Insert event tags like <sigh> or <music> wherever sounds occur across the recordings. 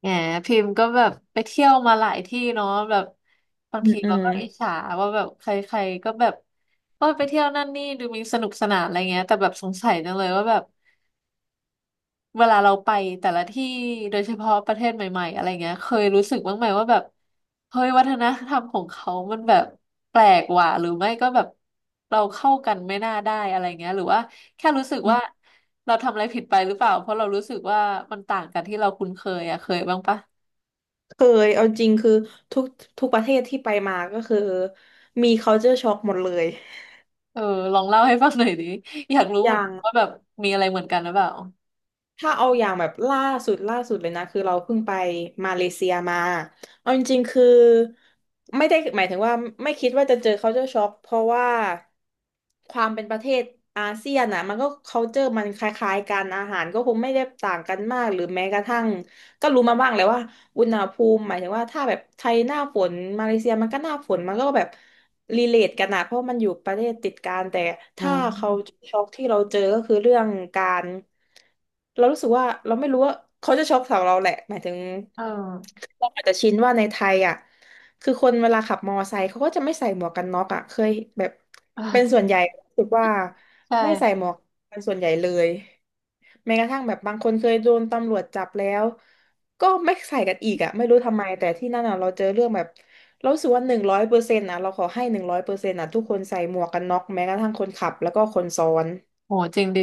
แหมพิมพ์ก็แบบไปเที่ยวมาหลายที่เนาะแบบบางอืมทีอืเรามก็อิจฉาว่าแบบใครๆก็แบบโอ้ยไปเที่ยวนั่นนี่ดูมีสนุกสนานอะไรเงี้ยแต่แบบสงสัยจังเลยว่าแบบเวลาเราไปแต่ละที่โดยเฉพาะประเทศใหม่ๆอะไรเงี้ยเคยรู้สึกบ้างไหมว่าแบบเฮ้ยวัฒนธรรมของเขามันแบบแปลกว่ะหรือไม่ก็แบบเราเข้ากันไม่น่าได้อะไรเงี้ยหรือว่าแค่รู้สึกว่าเราทำอะไรผิดไปหรือเปล่าเพราะเรารู้สึกว่ามันต่างกันที่เราคุ้นเคยอะเคยบ้างปะ เคยเอาจริงคือทุกทุกประเทศที่ไปมาก็คือมี culture shock หมดเลยเออลองเล่าให้ฟังหน่อยดิอยากรู้อเหมือนย่างกันว่าแบบมีอะไรเหมือนกันหรือเปล่าถ้าเอาอย่างแบบล่าสุดเลยนะคือเราเพิ่งไปมาเลเซียมาเอาจริงๆคือไม่ได้หมายถึงว่าไม่คิดว่าจะเจอ culture shock เพราะว่าความเป็นประเทศอาเซียนอ่ะมันก็ culture มันคล้ายๆกันอาหารก็คงไม่ได้ต่างกันมากหรือแม้กระทั่ง ก็รู้มาบ้างแหล้วว่าอุณหภูมิหมายถึงว่าถ้าแบบไทยหน้าฝนมาเลเซียมันก็หน้าฝนมันก็แบบรีเลทกันนะเพราะมันอยู่ประเทศติดกันแต่อืถ้ามเขาช็อกที่เราเจอก็คือเรื่องการเรารู้สึกว่าเราไม่รู้ว่าเขาจะช็อกสำหรับเราแหละหมายถึงเออเราอาจจะชินว่าในไทยอ่ะ คือคนเวลาขับมอไซค์เขาก็จะไม่ใส่หมวกกันน็อกอ่ะเคยแบบเป็นส่วเออนใหญ่รู้สึกว่าใช่ไม่ใส่หมวกกันส่วนใหญ่เลยแม้กระทั่งแบบบางคนเคยโดนตำรวจจับแล้วก็ไม่ใส่กันอีกอ่ะไม่รู้ทำไมแต่ที่นั่นอ่ะเราเจอเรื่องแบบเรารู้สึกว่าหนึ่งร้อยเปอร์เซ็นต์อ่ะเราขอให้หนึ่งร้อยเปอร์เซ็นต์อ่ะทุกคนใส่หมวกกันน็อกแม้กระทั่งคนขับแล้วก็คนซ้อน โหจริงดี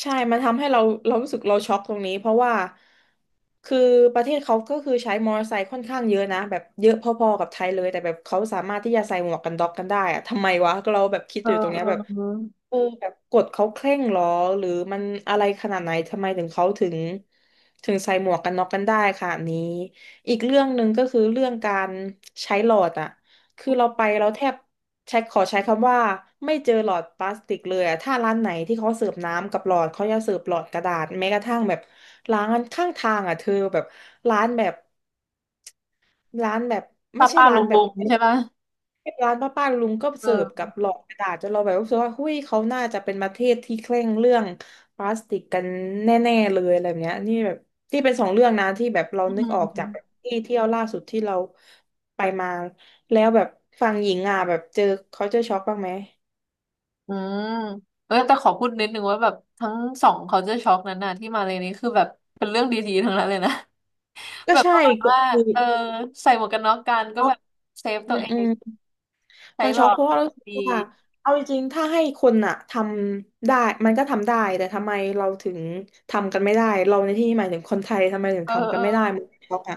ใช่ มันทำให้เราเรารู้สึกเราช็อกตรงนี้เพราะว่าคือประเทศเขาก็คือใช้มอเตอร์ไซค์ค่อนข้างเยอะนะแบบเยอะพอๆกับไทยเลยแต่แบบเขาสามารถที่จะใส่หมวกกันน็อกกันได้อะทำไมวะเราแบบคิดเอออยู่ตรงเอเนี้ยอแบบ เออเออแบบกฎเขาเคร่งหรอหรือมันอะไรขนาดไหนทำไมถึงเขาถึงใส่หมวกกันน็อกกันได้ค่ะนี้อีกเรื่องหนึ่งก็คือเรื่องการใช้หลอดอะคือเราไปเราแทบใช้ขอใช้คำว่าไม่เจอหลอดพลาสติกเลยอะถ้าร้านไหนที่เขาเสิร์ฟน้ำกับหลอดเขาจะเสิร์ฟหลอดกระดาษแม้กระทั่งแบบร้านข้างทางอะเธอแบบร้านแบบ ร้านแบบไม่ป้าใช่ป้าร้าลุนงแบบลุงใช่ปะร้านป้าป้าลุงก็เสิร์ฟกัเออบหลอดกระดาษจนเราแบบรู้สึกว่าหุ้ยเขาน่าจะเป็นประเทศที่เคร่งเรื่องพลาสติกกันแน่ๆเลยอะไรแบบเนี้ยนี่แบบที่เป็นสองเรื่องนะที่แบบเราอืนึกออกจากแบบมที่เที่ยวล่าสุดที่เราไปมาแล้วแบบฝั่งหญิงอ่ะแบบเจอเขาเจอช็อกบ้างไหมอืมเออแต่ขอพูดนิดนึงว่าแบบทั้งสองเขาจะช็อกนั้นน่ะที่มาเลยนี้คือแบบเป็นเรื่องดีๆทั้งนั้นเลยนะ <laughs> ก็แบบใช่ประมาณก็ว่าคือเออใส่หมวกกันน็อกกันก็ช็อแบกบเซฟอืตัวเองม ใช้มันหลช็ออกกเพราะว่ารู้สึกดีว่าเอาจริงๆ ถ้าให้คนอะทำได้มันก็ทำได้แต่ทำไมเราถึงทำกันไม่ได้เราในที่นี้หมายถึงคนไทยทำไมถึงเออทำกัเอนอ ไม่ได้มันช็อกอะ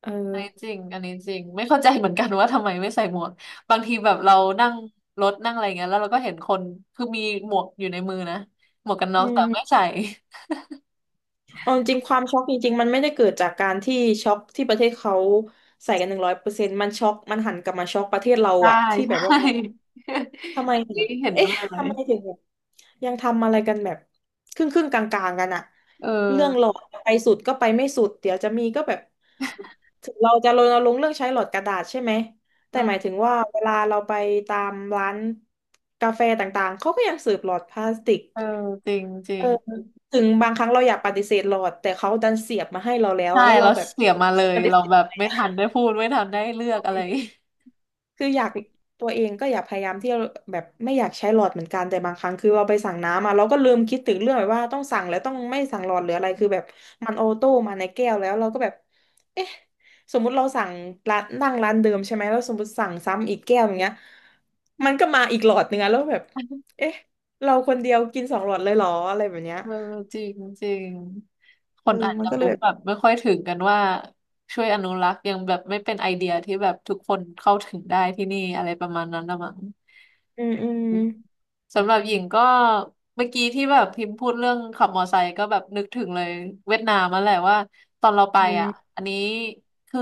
เอออันนี้จริงอันนี้จริง ไม่เข้าใจเหมือนกันว่าทำไมไม่ใส่หมวกบางทีแบบเรานั่งรถนั่งอะไรเงี้ยแล้วเราก็เห็นคน คือมีหมวกอยู่ในมือนะหมวกกันน็ออืกแต่ไม่มใส่ เอาจริงๆความช็อกจริงๆ มันไม่ได้เกิดจากการที่ช็อกที่ประเทศเขาใส่กันหนึ่งร้อยเปอร์เซ็นต์มันช็อกมันหันกลับมาช็อกประเทศเราใช่อะที่แบใช่ บว่า <laughs> ทำไมอันแบนี้บเห็นด้เอ๊ะวยเลยทำไมถึงแบบยังทำอะไรกันแบบครึ่งครึ่งกลางกลางๆกันอะเอเรื่องหลออดไปสุดก็ไปไม่สุดเดี๋ยวจะมีก็แบบถึงเราจะรณรงค์เรื่องใช้หลอดกระดาษใช่ไหมอืแต่หมายมถึงว่าเวลาเราไปตามร้านกาแฟต่างๆเขาก็ยังเสิร์ฟหลอดพลาสติกเออจริงจริเอองถึงบางครั้งเราอยากปฏิเสธหลอดแต่เขาดันเสียบมาให้เราแล้วใช่อะแล้วเราเราแบบเสียมาเลยปฏิเราเสธแบบไมไม่ทันได้พูดไม่ทันได้เลือก่อะไร ได้ คืออยากตัวเองก็อยากพยายามที่จะแบบไม่อยากใช้หลอดเหมือนกันแต่บางครั้งคือเราไปสั่งน้ำมาเราก็ลืมคิดถึงเรื่องแบบว่าต้องสั่งแล้วต้องไม่สั่งหลอดหรืออะไรคือแบบมันออโต้มาในแก้วแล้วเราก็แบบเอ๊ะสมมุติเราสั่งร้านนั่งร้านเดิมใช่ไหมแล้วสมมติสั่งซ้ำอีกแก้วอย่างเงี้ยมันก็มาอีกหลอดหนึงอะแล้วแบบเอ๊ะเราคนเดียวกินสองหลอดเลยเหรออะไรแบบเนี้ยเออจริงจริงคเอนออาจมัจะนก็เลรู้ยแบบแบบไม่ค่อยถึงกันว่าช่วยอนุรักษ์ยังแบบไม่เป็นไอเดียที่แบบทุกคนเข้าถึงได้ที่นี่อะไรประมาณนั้นละมั้ง อืมอืมสำหรับหญิงก็เมื่อกี้ที่แบบพิมพ์พูดเรื่องขับมอไซค์ก็แบบนึกถึงเลยเวียดนามมาแหละว่าตอนเราไปอือ่ะมอันนี้คือ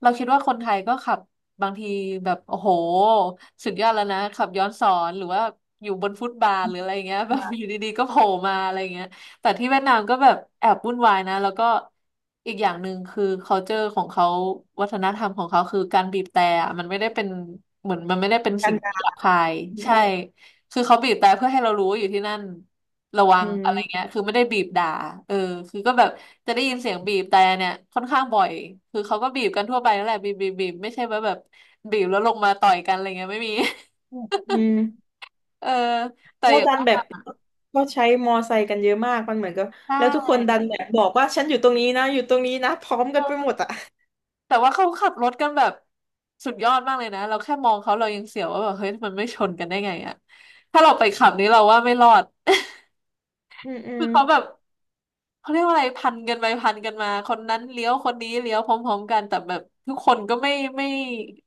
เราคิดว่าคนไทยก็ขับบางทีแบบโอ้โหสุดยอดแล้วนะขับย้อนสอนหรือว่าอยู่บนฟุตบาทหรืออะไรเงี้ยแบอบยอยู่ดีๆก็โผล่มาอะไรเงี้ยแต่ที่เวียดนามก็แบบแอบวุ่นวายนะแล้วก็อีกอย่างหนึ่งคือ culture ของเขาวัฒนธรรมของเขาคือการบีบแตรอะมันไม่ได้เป็นเหมือนมันไม่ได้าเป็นกกัสิ่นงกัที่หยาบคายใช่ นคือเขาบีบแต่เพื่อให้เรารู้ว่าอยู่ที่นั่นระวัอืงอะไรมเงี้ยคือไม่ได้บีบด่าเออคือก็แบบจะได้ยินเสียงบีบแต่เนี่ยค่อนข้างบ่อยคือเขาก็บีบกันทั่วไปนั่นแหละบีบบีบบีบไม่ใช่ว่าแบบบีบแล้วลงมาต่อยกันอะไรเงี้ยไม่มี <laughs> อืม เออแต่แล้อวย่างดันแบบว่าก็ใช้มอไซค์กันเยอะมากมันเหมือนกับใชแล้วทุกคนดัน่แบบบอกว่าฉันอยู่ตรงนี้นะอยู่ตรงนี้นะพร้อมเอกันไปหมดออ่ะแต่ว่าเขาขับรถกันแบบสุดยอดมากเลยนะเราแค่มองเขาเรายังเสียวว่าแบบเฮ้ยมันไม่ชนกันได้ไงอะถ้าเราไปขับนี้เราว่าไม่รอด อืมอื <laughs> คืมอเขาแบบ เขาเรียกว่าอะไรพันกันไปพันกันมาคนนั้นเลี้ยวคนนี้เลี้ยวพร้อมๆกันแต่แบบทุกคนก็ไม่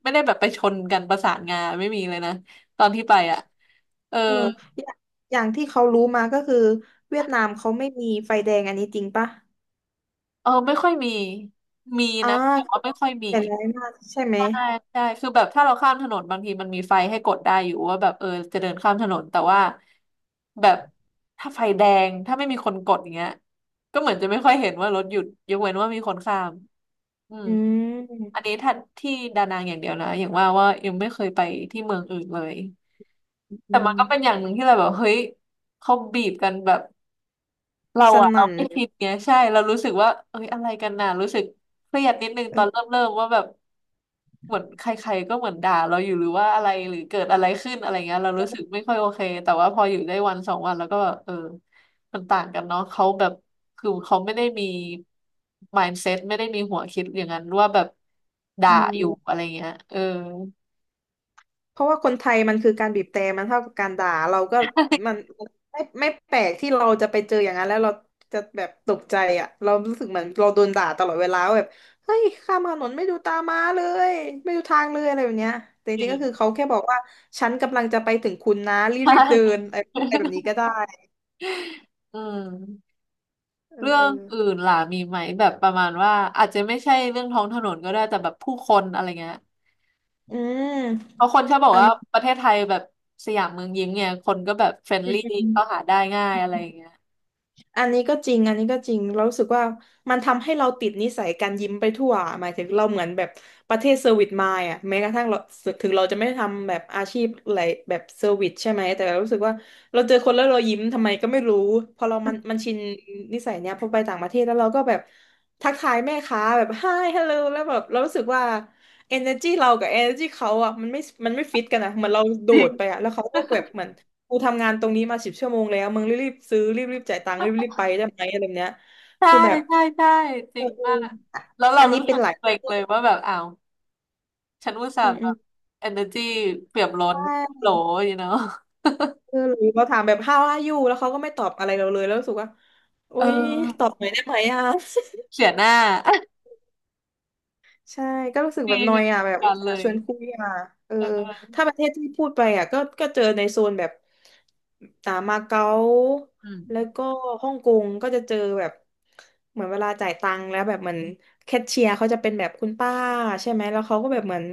ไม่ได้แบบไปชนกันประสานงานไม่มีเลยนะตอนที่ไปอ่ะเออเอออย่างอย่างที่เขารู้มาก็คือเวียดนามเขาไม่มีไฟแดงอันนี้จริงปะเออไม่ค่อยมีมีอ่านะแต่ว่าคือไม่ค่อยมี แต่ร้ายมากใช่ไหมใช่ใช่คือแบบถ้าเราข้ามถนนบางทีมันมีไฟให้กดได้อยู่ว่าแบบเออจะเดินข้ามถนนแต่ว่าแบบถ้าไฟแดงถ้าไม่มีคนกดอย่างเงี้ยก็เหมือนจะไม่ค่อยเห็นว่ารถหยุดยกเว้นว่ามีคนข้ามอืมอือัมนนี้ถ้าที่ดานังอย่างเดียวนะอย่างว่าว่ายังไม่เคยไปที่เมืองอื่นเลยแต่อืมันก็เป็นอมย่างหนึ่งที่เราแบบเฮ้ยเขาบีบกันแบบ เราสอะเรานั่นไม่คิดไงใช่เรารู้สึกว่าเอ้ยอะไรกันน่ะรู้สึกเครียดนิดนึงเอตอนเริ่อมเริ่มว่าแบบเหมือนใครๆก็เหมือนด่าเราอยู่หรือว่าอะไรหรือเกิดอะไรขึ้นอะไรเงี้ยเรารู้สึกไม่ค่อยโอเคแต่ว่าพออยู่ได้วันสองวันแล้วก็แบบเออมันต่างกันเนาะเขาแบบคือเขาไม่ได้มี mindset ไม่ได้มีหัวคิดอย่างนั้นว่าแบบด่าอือยู่ม อะไรเงี้ยเออ เพราะว่าคนไทยมันคือการบีบแตรมันเท่ากับการด่าเราก็มันไม่แปลกที่เราจะไปเจออย่างนั้นแล้วเราจะแบบตกใจอ่ะเรารู้สึกเหมือนเราโดนด่าตลอดเวลาว่าแบบเฮ้ยข้ามถนนไม่ดูตาม้าเลยไม่ดูทางเลยอะไรแบบเนี้ยแต่จ <laughs> จริริงๆก็คืองเขาแค่บอกว่าฉันกำลังจะไปถึงคุณนะใช่ รีบๆเดินอะไรแบบนี้ก็ <laughs> ได้อืม เอเรื่ออเอองอื่นล่ะมีไหมแบบประมาณว่าอาจจะไม่ใช่เรื่องท้องถนนก็ได้แต่แบบผู้คนอะไรเงี้ยอืเพมราะคนชอบบอกอัน ว่าประเทศไทยแบบสยามเมืองยิ้มเนี่ยคนก็แบบเฟรนลี่เข้าหาได้ง่ายอะไรเงี้ย อันนี้ก็จริงอันนี้ก็จริงเรารู้สึกว่ามันทำให้เราติดนิสัยการยิ้มไปทั่วหมายถึงเราเหมือนแบบประเทศเซอร์วิสมายอ่ะแม้กระทั่งเราถึงเราจะไม่ทำแบบอาชีพอะไรแบบเซอร์วิสใช่ไหมแต่เรารู้สึกว่าเราเจอคนแล้วเรายิ้มทำไมก็ไม่รู้พอเรามันชินนิสัยเนี้ยพอไปต่างประเทศแล้วเราก็แบบทักทายแม่ค้าแบบ hi hello แล้วแบบเรารู้สึกว่า energy เรากับ energy เขาอ่ะมันไม่ฟิตกันอ่ะเหมือนเราโดดไปอ่ะแล้วเขาก็แบบเหมือน กูทำงานตรงนี้มา10 ชั่วโมงแล้วมึงรีบๆซื้อรีบๆจ่ายตังค์ <laughs> รีบๆไปได้ไหมอะไรแบบเนี้ยใช่คือแบบใช่ใช่จเอริองมากอะแล้วเราอันนี้รู้เป็นสึกหลายเกรงเลยว่าแบบอ้าวฉันอุตส่าอืห์มแบอืมบเอเนอร์จีเปี่ยมล้ใชนโหล่อยู่เนาะคือหรือเราถามแบบ how are you แล้วเขาก็ไม่ตอบอะไรเราเลยแล้วรู้สึกว่าอุ๊เอยตออบหน่อยได้ไหมอ่ะ เสียหน้า ใช่ก็รู้สึก <laughs> มีแบบนอมียเหอ่ะมือนแบบกัอุนตส่าเลห์ยชวนคุยอ่ะเออเออถ้าประเทศที่พูดไปอ่ะก็เจอในโซนแบบอ่ามาเก๊าอืมแล้วก็ฮ่องกงก็จะเจอแบบเหมือนเวลาจ่ายตังค์แล้วแบบเหมือนแคชเชียร์เขาจะเป็นแบบคุณป้าใช่ไหมแล้วเขาก็แบบเหมือน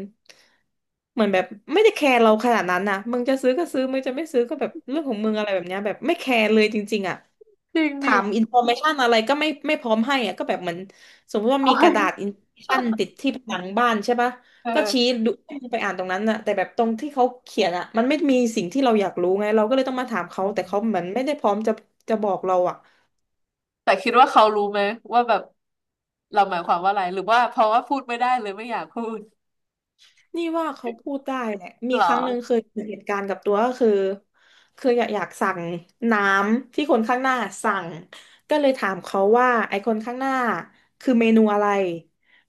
เหมือนแบบไม่ได้แคร์เราขนาดนั้นนะมึงจะซื้อก็ซื้อมึงจะไม่ซื้อก็แบบเรื่องของมึงอะไรแบบเนี้ยแบบไม่แคร์เลยจริงๆอ่ะ จริงถาดิ <laughs> มอินโฟเมชันอะไรก็ไม่พร้อมให้อะก็แบบเหมือนสมมติว่าโอ้มีกระดาษยอินโฟเมชันติดที่ผนังบ้านใช่ปะก็ชี้เออ ดูให้มันไปอ่านตรงนั้นอะแต่แบบตรงที่เขาเขียนอะมันไม่มีสิ่งที่เราอยากรู้ไงเราก็เลยต้องมาถามเขาแต่เขาเหมือนไม่ได้พร้อมจะบอกเราอะ แต่คิดว่าเขารู้ไหมว่าแบบเราหมายความว่าอะไรหรือว่าเพราะว่าพูดไม่ได้เลยไม่อยากพูดนี่ว่าเขาพูดได้แหละมีเหรอครั้งหนึ่งเคยเกิดเหตุการณ์กับตัวก็คือคืออยากสั่งน้ำที่คนข้างหน้าสั่งก็เลยถามเขาว่าไอ้คนข้างหน้าคือเมนูอะไร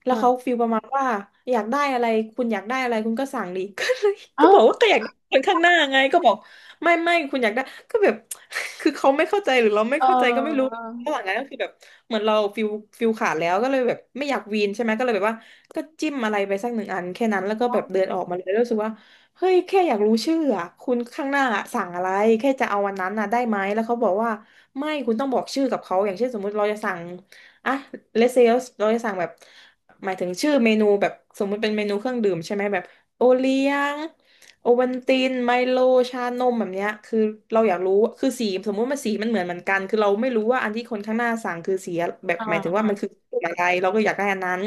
แล้วเขาเออฟีลประมาณว่าอยากได้อะไรคุณอยากได้อะไรคุณก็สั่งดิ <laughs> ก็เลยก็เอ้าบอกว่าก็อยากได้คนข้างหน้าไงก็บอกไม่คุณอยากได้ก็แบบ <laughs> คือเขาไม่เข้าใจหรือเราไม่เเข้าใจก็ไม่รู้ออระหว่างนั้นก็คือแบบเหมือนเราฟิลขาดแล้วก็เลยแบบไม่อยากวีนใช่ไหมก็เลยแบบว่า ก็จิ้มอะไรไปสัก1 อันแค่นั้นแล้วก็อ๋อแบบเดินออกมาเลยแล้วรู้สึกว่าเฮ้ยแค่อยากรู้ชื่ออะคุณข้างหน้าสั่งอะไรแค่จะเอาวันนั้นน่ะได้ไหมแล้วเขาบอกว่าไม่คุณต้องบอกชื่อกับเขาอย่างเช่นสมมุติเราจะสั่งอ่ะเลเซลเราจะสั่งแบบหมายถึงชื่อเมนูแบบสมมุติเป็นเมนูเครื่องดื่มใช่ไหมแบบโอเลี้ยง โอวัลตินไมโลชานมแบบเนี้ยคือเราอยากรู้คือสีสมมุติมันสีมันเหมือนกันคือเราไม่รู้ว่าอันที่คนข้างหน้าสั่งคือสีแบบอ่าหมายถึงว่าอ่ามันคือกลุ่มอะไรเราก็อยากได้อันนั้น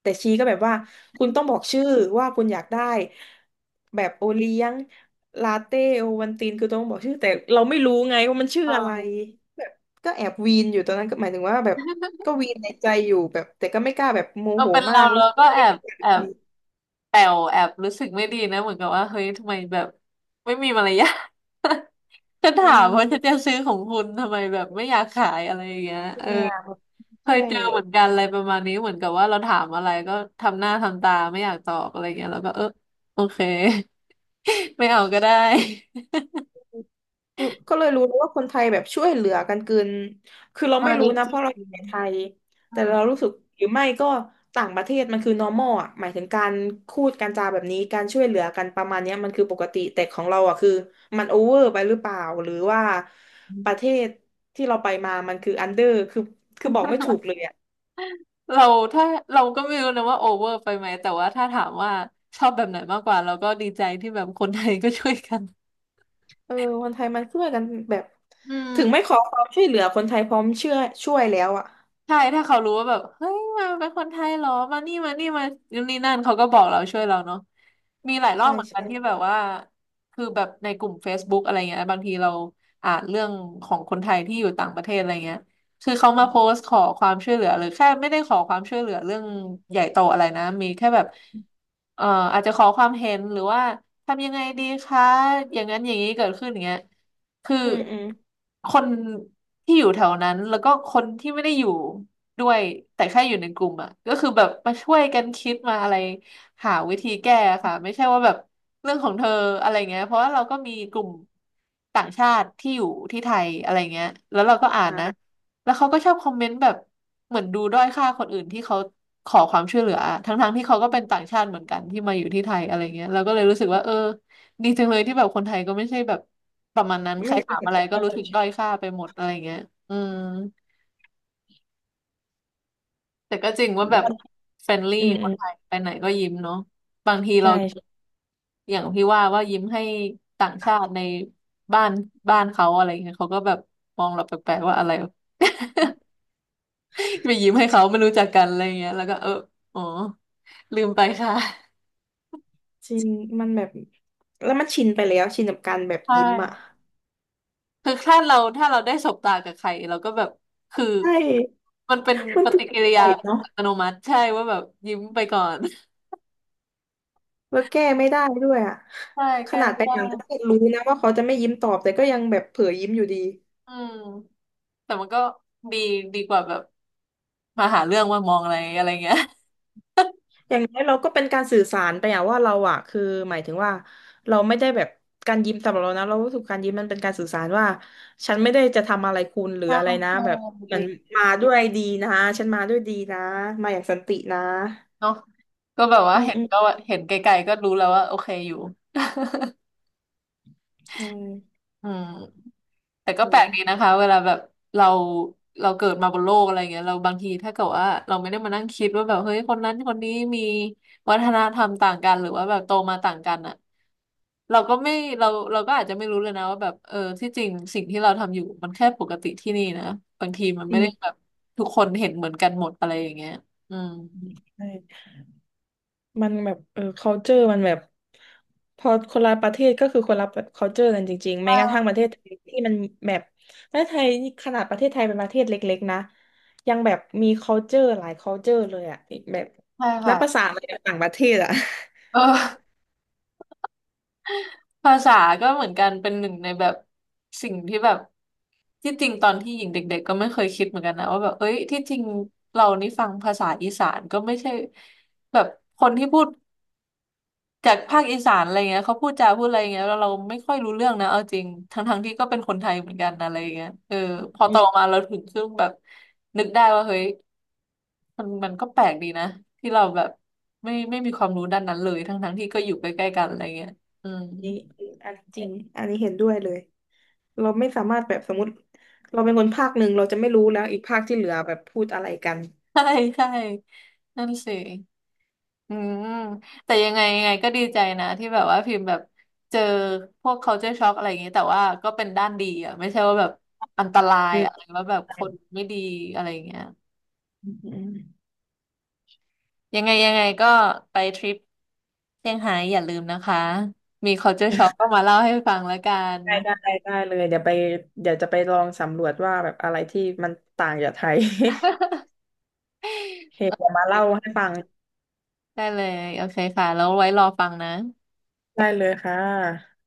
แต่ชีก็แบบว่าคุณต้องบอกชื่อว่าคุณอยากได้แบบโอเลี้ยงลาเต้โอวัลตินคือต้องบอกชื่อแต่เราไม่รู้ไงว่ามันชื่ออะไรอ่าแบบก็แอบวีนอยู่ตอนนั้นก็หมายถึงว่าแบบก็วีนในใจอยู่แบบแต่ก็ไม่กล้าแบบโมก็โหเป็นมาเรากเรารู้สึกก็ว่าแอไม่บอยากแอบวีนแปลวแอบรู้สึกไม่ดีนะเหมือนกับว่าเฮ้ยทำไมแบบไม่มีมารยาท <laughs> ฉัอืถามว่าจะนจะมซื้อของคุณทำไมแบบไม่อยากขายอะไรอย่างเงี้ยเออเนี่ยแบบเคใช่ ยเจอเหมือนกันอะไรประมาณนี้เหมือนกับว่าเราถามอะไรก็ทำหน้าทำตาไม่อยากตอบอะไรเงี้ยแล้วก็เออโอเค ไม่เอาก็ได้อืมก็เลยรู้เลยว่าคนไทยแบบช่วยเหลือกันเกินคือเราอัไม่นรู้นี้นะจเพริราะเรางอยู่ในไทยอืแต่มเรารู้สึกหรือไม่ก็ต่างประเทศมันคือ normal อ่ะหมายถึงการพูดการจาแบบนี้การช่วยเหลือกันประมาณเนี้ยมันคือปกติแต่ของเราอ่ะคือมันโอเวอร์ไปหรือเปล่าหรือว่าประเทศที่เราไปมามันคืออันเดอร์คือคือบอกไม่ถูกเลยอ่ะเราถ้าเราก็ไม่รู้นะว่าโอเวอร์ไปไหม แต่ว่าถ้าถามว่าชอบแบบไหนมากกว่าเราก็ดีใจที่แบบคนไทยก็ช่วยกัน เออคนไทยมันช่วยกันแบบอืถึงไม่ขม อความช่วยเหลือคนไทยพร้อมเชื่อช่วยแล้วอ่ะใช่ถ้าเขารู้ว่าแบบเฮ้ยมาเป็นคนไทยเหรอมานี่มานู่นนี่นั่นเขาก็บอกเราช่วยเราเนาะมีหลายรอบใช่เหมือนกันใช่ที่แบบว่าคือแบบในกลุ่ม Facebook อะไรเงี้ยบางทีเราอ่านเรื่องของคนไทยที่อยู่ต่างประเทศอะไรเงี้ยคือเขามาโพสต์ขอความช่วยเหลือหรือแค่ไม่ได้ขอความช่วยเหลือเรื่องใหญ่โตอะไรนะมีแค่แบบเอ่ออาจจะขอความเห็นหรือว่าทำยังไงดีคะอย่างนั้นอย่างนี้เกิดขึ้นอย่างเงี้ย คืออืมอืมคนที่อยู่แถวนั้นแล้วก็คนที่ไม่ได้อยู่ด้วยแต่แค่อยู่ในกลุ่มอ่ะก็คือแบบมาช่วยกันคิดมาอะไรหาวิธีแก้ค่ะไม่ใช่ว่าแบบเรื่องของเธออะไรเงี้ยเพราะว่าเราก็มีกลุ่มต่างชาติที่อยู่ที่ไทยอะไรเงี้ยแล้วเราก็อ่านอ่ะนะแล้วเขาก็ชอบคอมเมนต์แบบเหมือนดูด้อยค่าคนอื่นที่เขาขอความช่วยเหลืออทั้งๆที่เขาก็เป็นต่างชาติเหมือนกันที่มาอยู่ที่ไทยอะไรเงี้ยเราก็เลยรู้สึกว่าเออ ดีจังเลยที่แบบคนไทยก็ไม่ใช่แบบประมาณนั้นใคไม่รคิถาดมเห็นอะไรก็รู้เสึกด้อยค่าไปหมดอะไรเงี้ยอืมแต่ก็จริงว่าแบบออ เฟรนลี่อืมคอืนมไทยไปไหนก็ยิ้มเนาะบางทีเราใช่อย่างพี่ว่าว่ายิ้มให้ต่างชาติในบ้านบ้านเขาอะไรเงี้ยเขาก็แบบมองเราแปลกๆว่าอะไร <laughs> ไปยิ้มให้เขาไม่รู้จักกันอะไรเงี้ยแล้วก็เอออ๋อลืมไปค่ะจริงมันแบบแล้วมันชินไปแล้วชินกับการแบบใชยิ้มอ่ะ่ คือถ้าเราได้สบตากับใครเราก็แบบคือใช่มันเป็นมันปติดฏินิกิริสัยายเนาะอัตโนมัติใช่ว่าแบบยิ้มไปก่อนแล้วแก้ไม่ได้ด้วยอ่ะใช่ขแก้นาดไม่ไปได้ต่างประเทศรู้นะว่าเขาจะไม่ยิ้มตอบแต่ก็ยังแบบเผลอยิ้มอยู่ดีอืมแต่มันก็ดีดีกว่าแบบมาหาเรื่องว่ามองอะไรอะไรเงี้ยอย่างน้อยเราก็เป็นการสื่อสารไปอะว่าเราอะคือหมายถึงว่าเราไม่ได้แบบการยิ้มสำหรับเรานะเรารู้สึกการยิ้มมันเป็นการสื่อสารว่าฉันไม่ได้จะทำอะไรคุณหรือใช่อะไรนะใช่แบบเหจมือนริงมาด้วยดีนะฉันมาด้วยดีนะมาอย่างสันตินะเนาะก็แบบว่าอืมเห็นอืมก็ว่าเห็นไกลๆก็รู้แล้วว่าโอเคอยู่ ใช่ อืมแต่โอก็แปลกดีนะ้คะเวลาแบบเราเราเกิดมาบนโลกอะไรเงี้ยเราบางทีถ้าเกิดว่าเราไม่ได้มานั่งคิดว่าแบบเฮ้ยคนนั้นคนนี้มีวัฒนธรรมต่างกันหรือว่าแบบโตมาต่างกันอ่ะเราก็ไม่เราก็อาจจะไม่รู้เลยนะว่าแบบเออที่จริงสิ่งที่เราทำอยู่มันแค่ปกติที่นี่นะบางทีมันอืไม่ได้มแบบทุกคนเห็นเหมือนกันหมดอะไรอย่างเงี้ยอืมใช่มันแบบเออ culture มันแบบพอคนละประเทศก็คือคนละ culture กันจริงๆใช่แม้กระทั่งประเทศไทยที่มันแบบประเทศไทยนี่ขนาดประเทศไทยเป็นประเทศเล็กๆนะยังแบบมี culture หลาย culture เลยอ่ะแบบใช่นัค่ะบภาษาอะไรกับต่างประเทศอ่ะ <laughs> เออ ภาษาก็เหมือนกันเป็นหนึ่งในแบบสิ่งที่แบบที่จริงตอนที่หญิงเด็กๆก็ไม่เคยคิดเหมือนกันนะว่าแบบเอ้ยที่จริงเรานี่ฟังภาษาอีสานก็ไม่ใช่แบบคนที่พูดจากภาคอีสานอะไรเงี้ยเขาพูดจาพูดอะไรเงี้ยแล้วเราไม่ค่อยรู้เรื่องนะเอาจริงทั้งๆที่ก็เป็นคนไทยเหมือนกันนะอะไรเงี้ยเออพออืโตมมาเราถึงซึ่งแบบนึกได้ว่าเฮ้ยมันก็แปลกดีนะที่เราแบบไม่มีความรู้ด้านนั้นเลยทั้งๆที่ก็อยู่ใกล้ๆกันอะไรเงี้ยอืม นี่อันจริงอันนี้เห็นด้วยเลยเราไม่สามารถแบบสมมติเราเป็นคนภาคหนึ่งเราจะไม่รู้แล้วอีกภาคที่เหลือแบบพูดอะไรกันใช่ใช่ นั่นสิอืมแต่ยังไงยังไงก็ดีใจนะที่แบบว่าพิมพ์แบบเจอพวก culture shock อะไรอย่างนี้แต่ว่าก็เป็นด้านดีอ่ะไม่ใช่ว่าแบบอันตรายอือะไรมว่าแบบคนไม่ดีอะไรอย่างเงี้ยอืมอืม ยังไงยังไงก็ไปทริปเซี่ยงไฮ้อย่าลืมนะคะมี culture shock ก็มาเล่าให้ฟังแล้วกันได้ได้เลยเดี๋ยวไปเดี๋ยวจะไปลองสำรวจว่าแบบอะไรที่มันต่างจากไทย <laughs> โอเคเดี๋ยวมาเล่าให้ฟังได้เลยโอเคค่ะแล้วไว้รอฟังนะได้เลยค่ะ